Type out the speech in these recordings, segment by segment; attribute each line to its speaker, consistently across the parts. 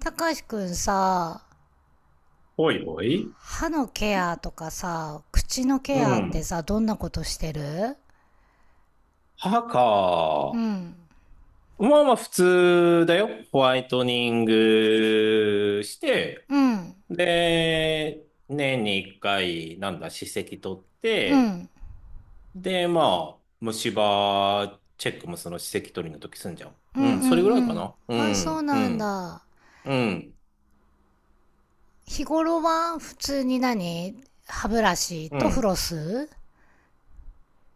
Speaker 1: たかしくんさ、
Speaker 2: おいおい。
Speaker 1: 歯のケアとかさ、口の
Speaker 2: う
Speaker 1: ケアって
Speaker 2: ん。
Speaker 1: さ、どんなことしてる？
Speaker 2: 歯
Speaker 1: う
Speaker 2: か。
Speaker 1: ん。
Speaker 2: まあまあ普通だよ。ホワイトニングして、
Speaker 1: うん。
Speaker 2: で、年に一回、なんだ、歯石取っ
Speaker 1: う
Speaker 2: て、
Speaker 1: ん。
Speaker 2: で、まあ、虫歯チェックもその歯石取りの時すんじゃん。
Speaker 1: うん
Speaker 2: うん、
Speaker 1: うん
Speaker 2: それぐらい
Speaker 1: う
Speaker 2: か
Speaker 1: ん。
Speaker 2: な。
Speaker 1: あ、そう
Speaker 2: う
Speaker 1: なん
Speaker 2: ん、
Speaker 1: だ。
Speaker 2: うん、
Speaker 1: 日頃は普通に何、歯ブラシ
Speaker 2: う
Speaker 1: とフ
Speaker 2: ん。
Speaker 1: ロス？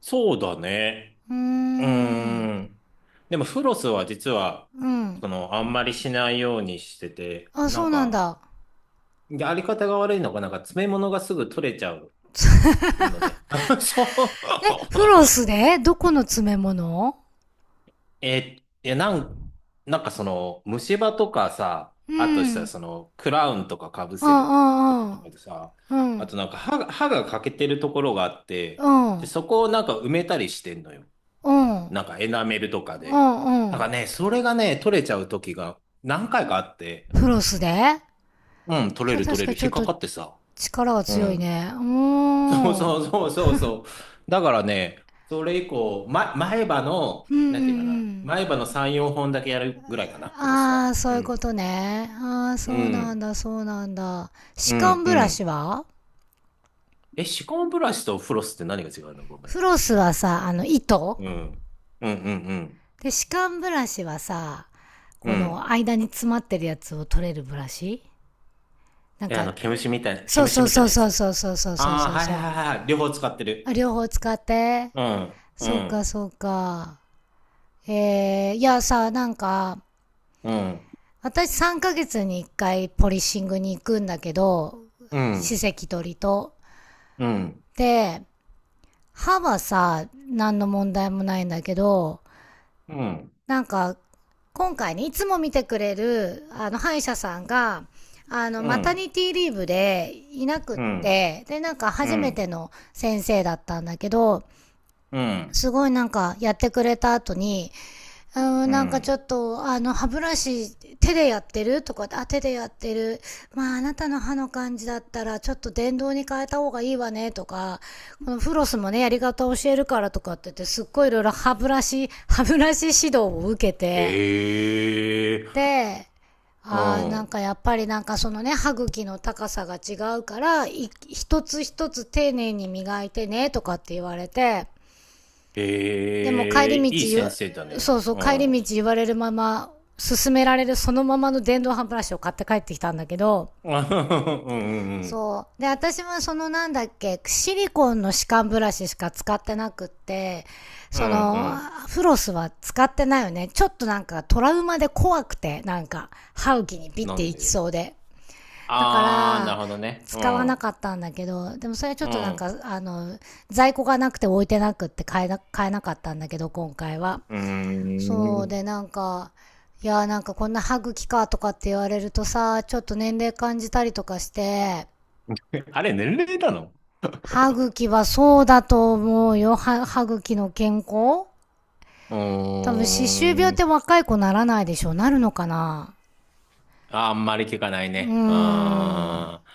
Speaker 2: そうだね。
Speaker 1: うー
Speaker 2: う
Speaker 1: ん。
Speaker 2: ーん。でもフロスは実は、
Speaker 1: うん。
Speaker 2: その、あんまりしないようにしてて、
Speaker 1: あ、
Speaker 2: な
Speaker 1: そ
Speaker 2: ん
Speaker 1: うなん
Speaker 2: か、
Speaker 1: だ。
Speaker 2: やり方が悪いのが、なんか詰め物がすぐ取れちゃうのね。そ
Speaker 1: え、フ
Speaker 2: う。
Speaker 1: ロスでどこの詰め物？
Speaker 2: えいやなん、なんかその、虫歯とかさ、
Speaker 1: う
Speaker 2: あとしたら
Speaker 1: ん。
Speaker 2: その、クラウンとかかぶ
Speaker 1: あ
Speaker 2: せるとこと
Speaker 1: あ
Speaker 2: かでさ、
Speaker 1: ああ。う
Speaker 2: あ
Speaker 1: ん。
Speaker 2: となんか歯が欠けてるところがあっ
Speaker 1: う
Speaker 2: て、で、
Speaker 1: ん。
Speaker 2: そこをなんか埋めたりしてんのよ。
Speaker 1: うん。
Speaker 2: なんかエナメルとか
Speaker 1: う
Speaker 2: で。
Speaker 1: ん。う
Speaker 2: だか
Speaker 1: ん。
Speaker 2: らね、それがね、取れちゃう時が何回かあって、
Speaker 1: フロスで？
Speaker 2: うん、取
Speaker 1: そ
Speaker 2: れ
Speaker 1: れは
Speaker 2: る取
Speaker 1: 確
Speaker 2: れ
Speaker 1: か
Speaker 2: る、
Speaker 1: にち
Speaker 2: 引
Speaker 1: ょっ
Speaker 2: っか
Speaker 1: と
Speaker 2: かってさ。
Speaker 1: 力は
Speaker 2: う
Speaker 1: 強い
Speaker 2: ん。
Speaker 1: ね。うー
Speaker 2: そう
Speaker 1: ん。
Speaker 2: そ
Speaker 1: うん
Speaker 2: うそうそうそう。だからね、それ以降、ま、前歯の、
Speaker 1: うんう
Speaker 2: なんていうかな。
Speaker 1: ん。
Speaker 2: 前歯の3、4本だけやるぐらいかな、フロスは。
Speaker 1: ああ、そう
Speaker 2: う
Speaker 1: いう
Speaker 2: ん。
Speaker 1: ことね。ああ、そ
Speaker 2: う
Speaker 1: うなん
Speaker 2: ん。
Speaker 1: だ、そうなんだ。歯
Speaker 2: うん。
Speaker 1: 間
Speaker 2: う
Speaker 1: ブラシ
Speaker 2: ん。
Speaker 1: は？
Speaker 2: え、歯間ブラシとフロスって何が違うの、ごめん。
Speaker 1: フロスはさ、糸
Speaker 2: うん。うんうんうん。
Speaker 1: で、歯間ブラシはさ、
Speaker 2: う
Speaker 1: こ
Speaker 2: ん。
Speaker 1: の間に詰まってるやつを取れるブラシ、なん
Speaker 2: え、あ
Speaker 1: か、
Speaker 2: の、毛虫みたい、
Speaker 1: そ
Speaker 2: 毛
Speaker 1: う
Speaker 2: 虫
Speaker 1: そう
Speaker 2: みたい
Speaker 1: そう
Speaker 2: なや
Speaker 1: そう
Speaker 2: つ。
Speaker 1: そうそうそうそう
Speaker 2: ああ
Speaker 1: そう
Speaker 2: ー、はいは
Speaker 1: そう。
Speaker 2: いはいはい。両方使って
Speaker 1: あ。
Speaker 2: る。
Speaker 1: 両方使って。
Speaker 2: うん。う
Speaker 1: そうか、
Speaker 2: ん。
Speaker 1: そうか。えー、いやさ、なんか、
Speaker 2: うん。
Speaker 1: 私3ヶ月に1回ポリッシングに行くんだけど、
Speaker 2: う
Speaker 1: 歯
Speaker 2: ん。
Speaker 1: 石取りと。
Speaker 2: うん。
Speaker 1: で、歯はさ、何の問題もないんだけど、
Speaker 2: うん。
Speaker 1: なんか、今回ね、いつも見てくれる、歯医者さんが、
Speaker 2: う
Speaker 1: マタ
Speaker 2: ん。
Speaker 1: ニティリーブでいなくっ
Speaker 2: うん。
Speaker 1: て、で、
Speaker 2: う
Speaker 1: 初めて
Speaker 2: ん。
Speaker 1: の先生だったんだけど、
Speaker 2: うん。
Speaker 1: すごいやってくれた後に、うん、
Speaker 2: う
Speaker 1: なんかちょ
Speaker 2: ん。
Speaker 1: っと、あの、歯ブラシ、手でやってるとかあ、手でやってる。まあ、あなたの歯の感じだったら、ちょっと電動に変えた方がいいわね、とか、このフロスもね、やり方教えるからとかって言って、すっごいいろいろ歯ブラシ、指導を受け
Speaker 2: へ
Speaker 1: て、
Speaker 2: え。
Speaker 1: で、
Speaker 2: う
Speaker 1: ああ、なん
Speaker 2: ん。
Speaker 1: かやっぱりなんかそのね、歯茎の高さが違うから、一つ一つ丁寧に磨いてね、とかって言われて、でも帰
Speaker 2: へえ、
Speaker 1: り
Speaker 2: いい
Speaker 1: 道、
Speaker 2: 先生だね。
Speaker 1: そうそう、
Speaker 2: う
Speaker 1: 帰
Speaker 2: ん。
Speaker 1: り道言われるまま、勧められるそのままの電動歯ブラシを買って帰ってきたんだけど、
Speaker 2: うんうんうん。
Speaker 1: そう。で、私はその、なんだっけ、シリコンの歯間ブラシしか使ってなくって、
Speaker 2: う
Speaker 1: そ
Speaker 2: んう
Speaker 1: の、
Speaker 2: ん。
Speaker 1: フロスは使ってないよね。ちょっとなんかトラウマで怖くて、なんか、歯茎にピッ
Speaker 2: な
Speaker 1: て
Speaker 2: ん
Speaker 1: いき
Speaker 2: で？
Speaker 1: そうで。だか
Speaker 2: あー、な
Speaker 1: ら、
Speaker 2: るほどね。う
Speaker 1: 使わなか
Speaker 2: ん。
Speaker 1: ったんだけど、でもそれはちょっ
Speaker 2: う
Speaker 1: となん
Speaker 2: ん。
Speaker 1: か、在庫がなくて置いてなくって買えなかったんだけど、今回は。
Speaker 2: うー
Speaker 1: そう
Speaker 2: ん。
Speaker 1: でなんか、いやーなんかこんな歯茎かとかって言われるとさ、ちょっと年齢感じたりとかして、
Speaker 2: あれ、年齢なの？
Speaker 1: 歯茎はそうだと思うよ。歯茎の健康、多
Speaker 2: う
Speaker 1: 分、歯周病っ
Speaker 2: ーん。
Speaker 1: て若い子ならないでしょ、なるのかな？
Speaker 2: あんまり聞かない
Speaker 1: うー
Speaker 2: ね。
Speaker 1: ん。
Speaker 2: あー、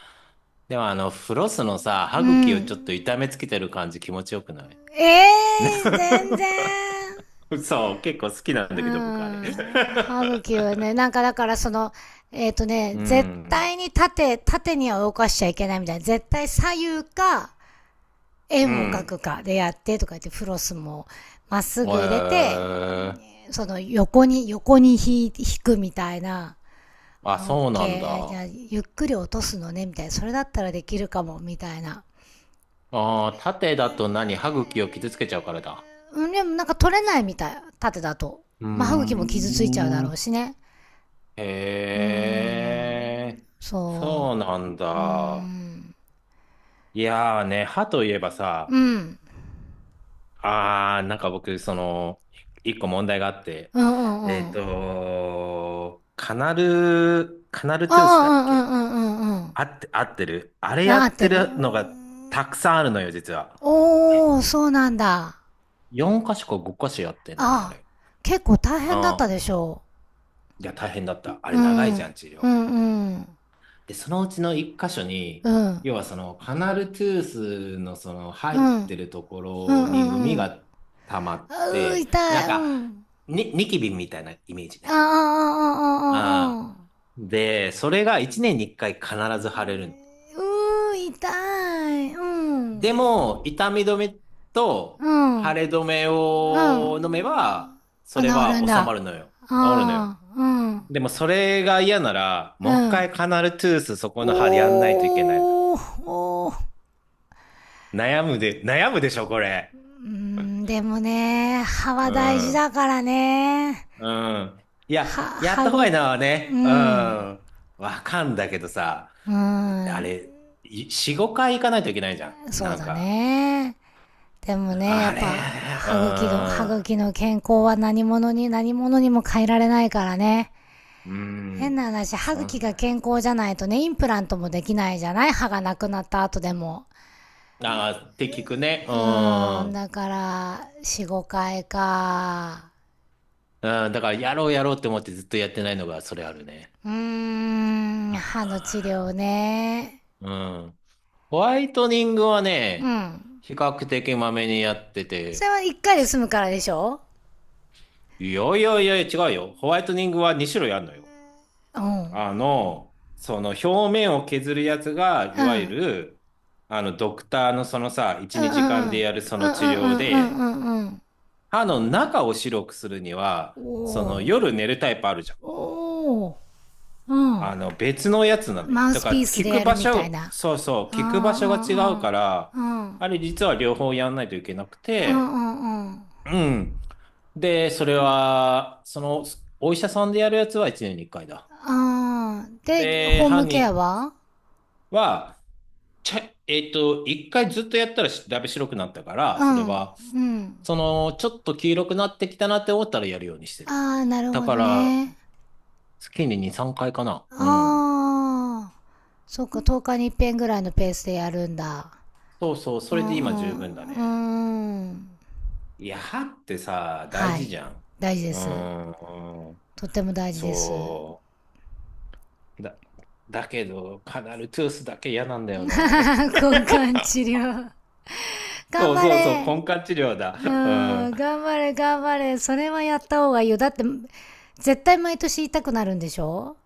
Speaker 2: でもあの、フロスのさ、歯
Speaker 1: う
Speaker 2: 茎を
Speaker 1: ん。
Speaker 2: ちょっと痛めつけてる感じ気持ちよくない？
Speaker 1: ええー、全然。
Speaker 2: そう、結構好きなん
Speaker 1: う
Speaker 2: だけど、僕あれ。
Speaker 1: ん。歯茎はね、なんかだからその、
Speaker 2: う
Speaker 1: 絶
Speaker 2: ん。
Speaker 1: 対に縦には動かしちゃいけないみたいな。絶対左右か、
Speaker 2: う
Speaker 1: 円を描く
Speaker 2: ん。
Speaker 1: かでやってとか言って、フロスもまっすぐ入れ
Speaker 2: え
Speaker 1: て、横に引くみたいな。
Speaker 2: ー、あ、
Speaker 1: あ、オッ
Speaker 2: そうなんだ。
Speaker 1: ケー。じゃあ、
Speaker 2: あ
Speaker 1: ゆっくり落とすのね、みたいな。それだったらできるかも、みたいな。
Speaker 2: あ、縦だと何、歯茎を傷つけちゃうからだ。
Speaker 1: うん、でもなんか取れないみたい。縦だと。
Speaker 2: うー
Speaker 1: まあ、歯茎も傷ついちゃうだろう
Speaker 2: ん。
Speaker 1: しね。
Speaker 2: へ
Speaker 1: うーん。
Speaker 2: え、
Speaker 1: そ
Speaker 2: そうなん
Speaker 1: う。うー
Speaker 2: だ。
Speaker 1: ん。
Speaker 2: いやーね、歯といえば
Speaker 1: う
Speaker 2: さ、
Speaker 1: ん。
Speaker 2: あー、なんか僕、その、一個問題があって、
Speaker 1: うんうんう
Speaker 2: えっ
Speaker 1: ん。あ
Speaker 2: と、カナル
Speaker 1: あ、う
Speaker 2: トゥースだっ
Speaker 1: んうん
Speaker 2: け、
Speaker 1: うんうんうん。
Speaker 2: あって、合ってる、あれや
Speaker 1: あ、合っ
Speaker 2: っ
Speaker 1: て
Speaker 2: て
Speaker 1: る。うー
Speaker 2: るのがた
Speaker 1: ん。
Speaker 2: くさんあるのよ、実は。
Speaker 1: おー、そうなんだ。
Speaker 2: 4箇所か5箇所やってんのね、あ
Speaker 1: ああ、
Speaker 2: れ。
Speaker 1: 結構大変だった
Speaker 2: ああ。
Speaker 1: でしょ
Speaker 2: いや、大変だった。あ
Speaker 1: う。
Speaker 2: れ、
Speaker 1: う
Speaker 2: 長い
Speaker 1: ん、う
Speaker 2: じ
Speaker 1: ん、
Speaker 2: ゃん、治療。
Speaker 1: うん、
Speaker 2: で、そのうちの1箇所
Speaker 1: う
Speaker 2: に、
Speaker 1: ん、
Speaker 2: 要はその、カナルトゥースのその、入
Speaker 1: う
Speaker 2: っ
Speaker 1: ん、うん、
Speaker 2: てるとこ
Speaker 1: う
Speaker 2: ろに
Speaker 1: ん、う
Speaker 2: 海
Speaker 1: ん。
Speaker 2: が溜まっ
Speaker 1: あうー、
Speaker 2: て、な
Speaker 1: 痛
Speaker 2: ん
Speaker 1: い、
Speaker 2: か、
Speaker 1: うん。
Speaker 2: ニキビみたいなイメージ
Speaker 1: ああ、ああ、
Speaker 2: ね。
Speaker 1: あ
Speaker 2: ああ。
Speaker 1: あ、ああ。
Speaker 2: で、それが1年に1回必ず腫れるの。
Speaker 1: うー、痛い、うん、
Speaker 2: でも、痛み止め
Speaker 1: う
Speaker 2: と
Speaker 1: ん、
Speaker 2: 腫
Speaker 1: う
Speaker 2: れ止めを飲め
Speaker 1: ん。
Speaker 2: ば、それ
Speaker 1: あ、治るん
Speaker 2: は
Speaker 1: だ。
Speaker 2: 治まるのよ。
Speaker 1: あ
Speaker 2: 治るのよ。
Speaker 1: あ、うん、
Speaker 2: でもそれが嫌なら、
Speaker 1: う
Speaker 2: もう一
Speaker 1: ん。
Speaker 2: 回カナルトゥース、そこの歯でやんないといけないの。
Speaker 1: おー、おー。
Speaker 2: 悩むでしょ、これ。
Speaker 1: うーん、でもね、歯
Speaker 2: う
Speaker 1: は大事
Speaker 2: ん。
Speaker 1: だからね。
Speaker 2: うん。いや、
Speaker 1: は、
Speaker 2: やっ
Speaker 1: は
Speaker 2: た方がいい
Speaker 1: ぐ、
Speaker 2: のは
Speaker 1: う
Speaker 2: ね。う
Speaker 1: ん。
Speaker 2: ん。わかんだけどさ、
Speaker 1: う
Speaker 2: あ
Speaker 1: ん。
Speaker 2: れ、い4、5回行かないといけないじゃん、
Speaker 1: そう
Speaker 2: なん
Speaker 1: だ
Speaker 2: か。
Speaker 1: ね。でもね、や
Speaker 2: あ
Speaker 1: っ
Speaker 2: れ。
Speaker 1: ぱ、歯茎の健康は何者にも変えられないからね。
Speaker 2: うん。う
Speaker 1: 変な
Speaker 2: ん。
Speaker 1: 話、歯
Speaker 2: そ
Speaker 1: 茎
Speaker 2: ん
Speaker 1: が
Speaker 2: な。
Speaker 1: 健康じゃないとね、インプラントもできないじゃない、歯がなくなった後でも。
Speaker 2: ああ、って聞くね。う
Speaker 1: うーん、
Speaker 2: ん。
Speaker 1: だから、4、5回か。
Speaker 2: うん、だから、やろうやろうって思ってずっとやってないのが、それあるね。
Speaker 1: うーん、歯の治療ね。
Speaker 2: うん。ホワイトニングは
Speaker 1: う
Speaker 2: ね、
Speaker 1: ん。
Speaker 2: 比較的まめにやって
Speaker 1: そ
Speaker 2: て、
Speaker 1: れは1回で済
Speaker 2: す
Speaker 1: むからでしょ？
Speaker 2: いやいやいや違うよ。ホワイトニングは2種類あるのよ。
Speaker 1: うん。
Speaker 2: あの、その表面を削るやつが、い
Speaker 1: う
Speaker 2: わゆ
Speaker 1: ん。
Speaker 2: る、あの、ドクターのそのさ、
Speaker 1: う
Speaker 2: 1、
Speaker 1: んうん
Speaker 2: 2時
Speaker 1: う
Speaker 2: 間
Speaker 1: ん
Speaker 2: でやるそ
Speaker 1: う
Speaker 2: の
Speaker 1: んう
Speaker 2: 治
Speaker 1: ん
Speaker 2: 療
Speaker 1: うん
Speaker 2: で、
Speaker 1: うんうん。
Speaker 2: 歯の中を白くするには、
Speaker 1: お
Speaker 2: その
Speaker 1: お
Speaker 2: 夜寝るタイプあるじゃん。
Speaker 1: おお。うん。
Speaker 2: あの、別のやつなのよ。
Speaker 1: マウ
Speaker 2: だ
Speaker 1: ス
Speaker 2: か
Speaker 1: ピ
Speaker 2: ら、
Speaker 1: ー
Speaker 2: 効
Speaker 1: スで
Speaker 2: く
Speaker 1: やる
Speaker 2: 場
Speaker 1: みたい
Speaker 2: 所、
Speaker 1: な。
Speaker 2: そうそう、
Speaker 1: うん
Speaker 2: 効く場
Speaker 1: う
Speaker 2: 所が違
Speaker 1: んう
Speaker 2: う
Speaker 1: ん
Speaker 2: から、
Speaker 1: うんうん
Speaker 2: あれ実は両方やんないといけなく
Speaker 1: う
Speaker 2: て。
Speaker 1: んう
Speaker 2: うん。で、それは、その、お医者さんでやるやつは1年に1回だ。
Speaker 1: んうん。で
Speaker 2: で、
Speaker 1: ホーム
Speaker 2: 犯
Speaker 1: ケア
Speaker 2: 人
Speaker 1: は？
Speaker 2: は、ちゃ、えっと、1回ずっとやったらだいぶ白くなったから、
Speaker 1: う
Speaker 2: それ
Speaker 1: ん
Speaker 2: は、
Speaker 1: うん。
Speaker 2: その、ちょっと黄色くなってきたなって思ったらやるようにしてる。
Speaker 1: ああ、なる
Speaker 2: だ
Speaker 1: ほ
Speaker 2: か
Speaker 1: ど
Speaker 2: ら、
Speaker 1: ね。
Speaker 2: 月に2、3回かいかな。うん。
Speaker 1: ああ、そっか、10日に一遍ぐらいのペースでやるんだ。
Speaker 2: そうそう、
Speaker 1: う
Speaker 2: それで今
Speaker 1: ん
Speaker 2: 十分だ
Speaker 1: う
Speaker 2: ね。
Speaker 1: んうん。
Speaker 2: いや、歯ってさ、大
Speaker 1: は
Speaker 2: 事
Speaker 1: い、
Speaker 2: じゃん。
Speaker 1: 大事で
Speaker 2: う
Speaker 1: す。
Speaker 2: ーん、
Speaker 1: とっても大事です。
Speaker 2: そう。だ、だけど、カナルトゥースだけ嫌なんだよな、あれ。
Speaker 1: 交換治療。頑
Speaker 2: そう
Speaker 1: 張
Speaker 2: そうそ
Speaker 1: れ。
Speaker 2: う、根管治療だ。
Speaker 1: うん、頑張れ、頑張れ。それはやった方がいいよ。だって、絶対毎年痛くなるんでしょ？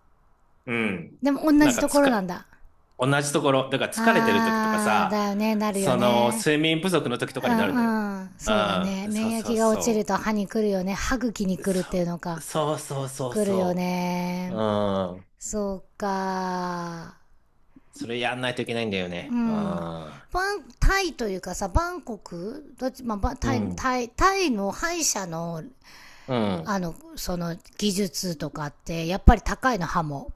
Speaker 2: うん。うん。
Speaker 1: でも同
Speaker 2: なん
Speaker 1: じ
Speaker 2: か
Speaker 1: とこ
Speaker 2: つ
Speaker 1: ろ
Speaker 2: か、
Speaker 1: なんだ。
Speaker 2: 同じところ、だから疲れてる時とか
Speaker 1: あー、だ
Speaker 2: さ、
Speaker 1: よね、なるよ
Speaker 2: その、
Speaker 1: ね。
Speaker 2: 睡眠不足の時と
Speaker 1: う
Speaker 2: かになるのよ。
Speaker 1: んうん、
Speaker 2: う
Speaker 1: そうだね。
Speaker 2: ん。そう
Speaker 1: 免
Speaker 2: そう
Speaker 1: 疫が落ちる
Speaker 2: そ
Speaker 1: と歯に来るよね。歯茎に
Speaker 2: う。
Speaker 1: 来るっていうのか。
Speaker 2: そうそうそう
Speaker 1: 来るよ
Speaker 2: そう。う
Speaker 1: ね。
Speaker 2: ん。
Speaker 1: そうか。
Speaker 2: それやんないといけないんだよ
Speaker 1: う
Speaker 2: ね。う
Speaker 1: ん。
Speaker 2: ん。
Speaker 1: タイというかさ、バンコクどっち、まあ、ば
Speaker 2: う
Speaker 1: タイ、
Speaker 2: ん。
Speaker 1: タイ、タイの歯医者の、
Speaker 2: うん。
Speaker 1: その技術とかって、やっぱり高いの、歯も？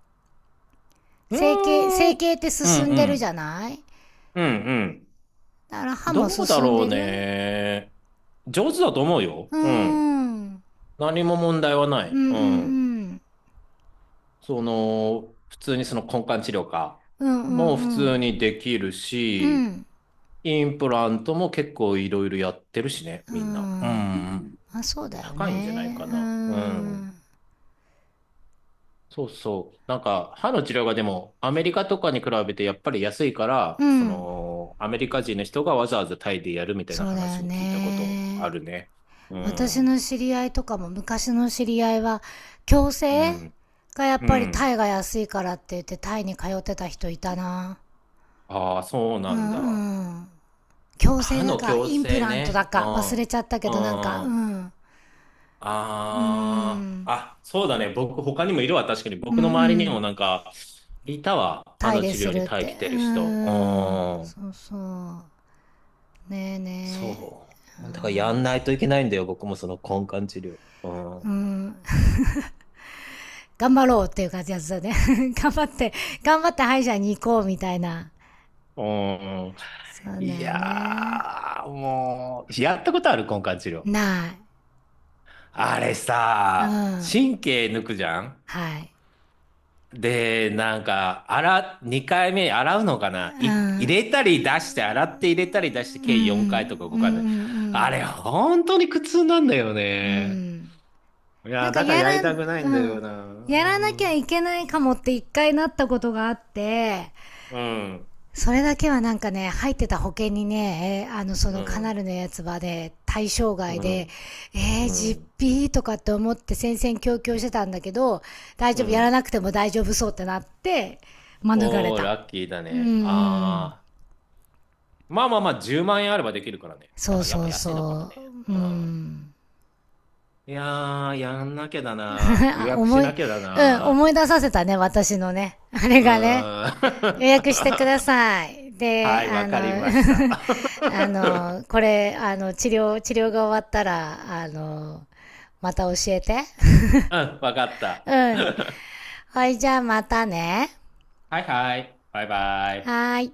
Speaker 2: うー
Speaker 1: 整
Speaker 2: ん。
Speaker 1: 形って
Speaker 2: う
Speaker 1: 進
Speaker 2: ん
Speaker 1: ん
Speaker 2: う
Speaker 1: でるじゃ
Speaker 2: ん。
Speaker 1: ない。
Speaker 2: うんうん。
Speaker 1: だから歯も
Speaker 2: どうだ
Speaker 1: 進ん
Speaker 2: ろう
Speaker 1: でる？
Speaker 2: ね。上手だと思うよ。
Speaker 1: うーん。
Speaker 2: うん。
Speaker 1: うん
Speaker 2: 何も問題はな
Speaker 1: う
Speaker 2: い。
Speaker 1: ん
Speaker 2: う
Speaker 1: う
Speaker 2: ん。
Speaker 1: ん。
Speaker 2: その、普通にその根幹治療か、
Speaker 1: うんう
Speaker 2: もう
Speaker 1: ん
Speaker 2: 普
Speaker 1: う
Speaker 2: 通
Speaker 1: ん。
Speaker 2: にできる
Speaker 1: う
Speaker 2: し、
Speaker 1: ん。
Speaker 2: インプラントも結構いろいろやってるしね、
Speaker 1: う
Speaker 2: みんな。う
Speaker 1: ん。
Speaker 2: んうん。
Speaker 1: まあそうだよ
Speaker 2: 高いんじゃない
Speaker 1: ね。
Speaker 2: か
Speaker 1: うー
Speaker 2: な。うん。
Speaker 1: ん。
Speaker 2: そうそう。なんか、歯の治療がでも、アメリカとかに比べてやっぱり安いか
Speaker 1: う
Speaker 2: ら、そ
Speaker 1: ん。
Speaker 2: の、アメリカ人の人がわざわざタイでやるみたいな
Speaker 1: そうだ
Speaker 2: 話
Speaker 1: よ
Speaker 2: も聞いたことあ
Speaker 1: ね。
Speaker 2: るね。う
Speaker 1: 私
Speaker 2: ん。
Speaker 1: の知り合いとかも昔の知り合いは、矯
Speaker 2: う
Speaker 1: 正
Speaker 2: ん。
Speaker 1: がやっ
Speaker 2: う
Speaker 1: ぱりタ
Speaker 2: ん。
Speaker 1: イが安いからって言ってタイに通ってた人いたな。
Speaker 2: ああ、そう
Speaker 1: う
Speaker 2: なんだ。
Speaker 1: んうん。矯正
Speaker 2: 歯
Speaker 1: だ
Speaker 2: の
Speaker 1: か、
Speaker 2: 矯
Speaker 1: インプ
Speaker 2: 正
Speaker 1: ラントだ
Speaker 2: ね。う
Speaker 1: か、忘
Speaker 2: ん。
Speaker 1: れちゃったけど、なんか、う
Speaker 2: うん。
Speaker 1: ん。うー
Speaker 2: ああ、
Speaker 1: ん。
Speaker 2: あ、そうだね。僕、他にもいるわ。確かに。
Speaker 1: うん
Speaker 2: 僕
Speaker 1: う
Speaker 2: の周りに
Speaker 1: ん。
Speaker 2: もなんか、いたわ。歯
Speaker 1: タイ
Speaker 2: の
Speaker 1: で
Speaker 2: 治
Speaker 1: す
Speaker 2: 療
Speaker 1: る
Speaker 2: に
Speaker 1: っ
Speaker 2: 耐え
Speaker 1: て。
Speaker 2: きて
Speaker 1: うー
Speaker 2: る人。う
Speaker 1: ん。
Speaker 2: ーん、
Speaker 1: そうそう。ねえね
Speaker 2: そう。だからやんないといけないんだよ、僕もその根管治療。うん。
Speaker 1: え。う
Speaker 2: う
Speaker 1: ん。頑張ろうっていう感じやつだね。頑張って、頑張って歯医者に行こうみたいな。
Speaker 2: ーん。
Speaker 1: そうだ
Speaker 2: い
Speaker 1: よね。
Speaker 2: やー、もう、やったことある根管治療。
Speaker 1: ない。
Speaker 2: あれ
Speaker 1: う
Speaker 2: さ、
Speaker 1: ん。
Speaker 2: 神経抜くじゃん。
Speaker 1: はい。
Speaker 2: で、なんか、2回目洗うのかな
Speaker 1: う
Speaker 2: い
Speaker 1: ん。
Speaker 2: 入れたり出して、洗って入れたり出して、
Speaker 1: うんう
Speaker 2: 計4回
Speaker 1: ん。
Speaker 2: とか
Speaker 1: うん
Speaker 2: 5回で。
Speaker 1: う
Speaker 2: あ
Speaker 1: ん
Speaker 2: れ、本当に苦痛なんだよ
Speaker 1: うん。う
Speaker 2: ね。
Speaker 1: ん。
Speaker 2: い
Speaker 1: なん
Speaker 2: や、
Speaker 1: か
Speaker 2: だから
Speaker 1: や
Speaker 2: やり
Speaker 1: らん、
Speaker 2: たくないんだ
Speaker 1: うん。
Speaker 2: よな。
Speaker 1: やらなき
Speaker 2: う
Speaker 1: ゃ
Speaker 2: ん。
Speaker 1: いけないかもって一回なったことがあって、
Speaker 2: うん。
Speaker 1: それだけはなんかね、入ってた保険にね、そ
Speaker 2: う
Speaker 1: のカナ
Speaker 2: ん。
Speaker 1: ルのやつはね、対象外で、えー、
Speaker 2: う
Speaker 1: 実
Speaker 2: ん。
Speaker 1: 費とかって思って戦々恐々してたんだけど、大
Speaker 2: う
Speaker 1: 丈夫、やら
Speaker 2: ん。
Speaker 1: なくても大丈夫そうってなって、免れ
Speaker 2: おー、
Speaker 1: た。
Speaker 2: ラッキーだ
Speaker 1: うんう
Speaker 2: ね。
Speaker 1: ん。
Speaker 2: あー。まあまあまあ、10万円あればできるからね。
Speaker 1: そ
Speaker 2: だ
Speaker 1: う
Speaker 2: からやっ
Speaker 1: そ
Speaker 2: ぱ
Speaker 1: う
Speaker 2: 安いのかも
Speaker 1: そ
Speaker 2: ね。
Speaker 1: う。
Speaker 2: う
Speaker 1: う
Speaker 2: ん。
Speaker 1: ん。
Speaker 2: いやー、やんなきゃだな。予
Speaker 1: あ、
Speaker 2: 約し
Speaker 1: 思い、
Speaker 2: なきゃだ
Speaker 1: うん、
Speaker 2: な。
Speaker 1: 思い出させたね、私のね。あれ
Speaker 2: う
Speaker 1: がね。
Speaker 2: ー
Speaker 1: 予約してくだ
Speaker 2: ん。
Speaker 1: さい。で、
Speaker 2: はい、
Speaker 1: あ
Speaker 2: わかりました。
Speaker 1: の、あ の、これ、あの、治療、治療が終わったら、あの、また教えて。
Speaker 2: うん、わかっ た。
Speaker 1: うん。はい、じゃあまたね。
Speaker 2: はいはい。バイバイ。
Speaker 1: はーい。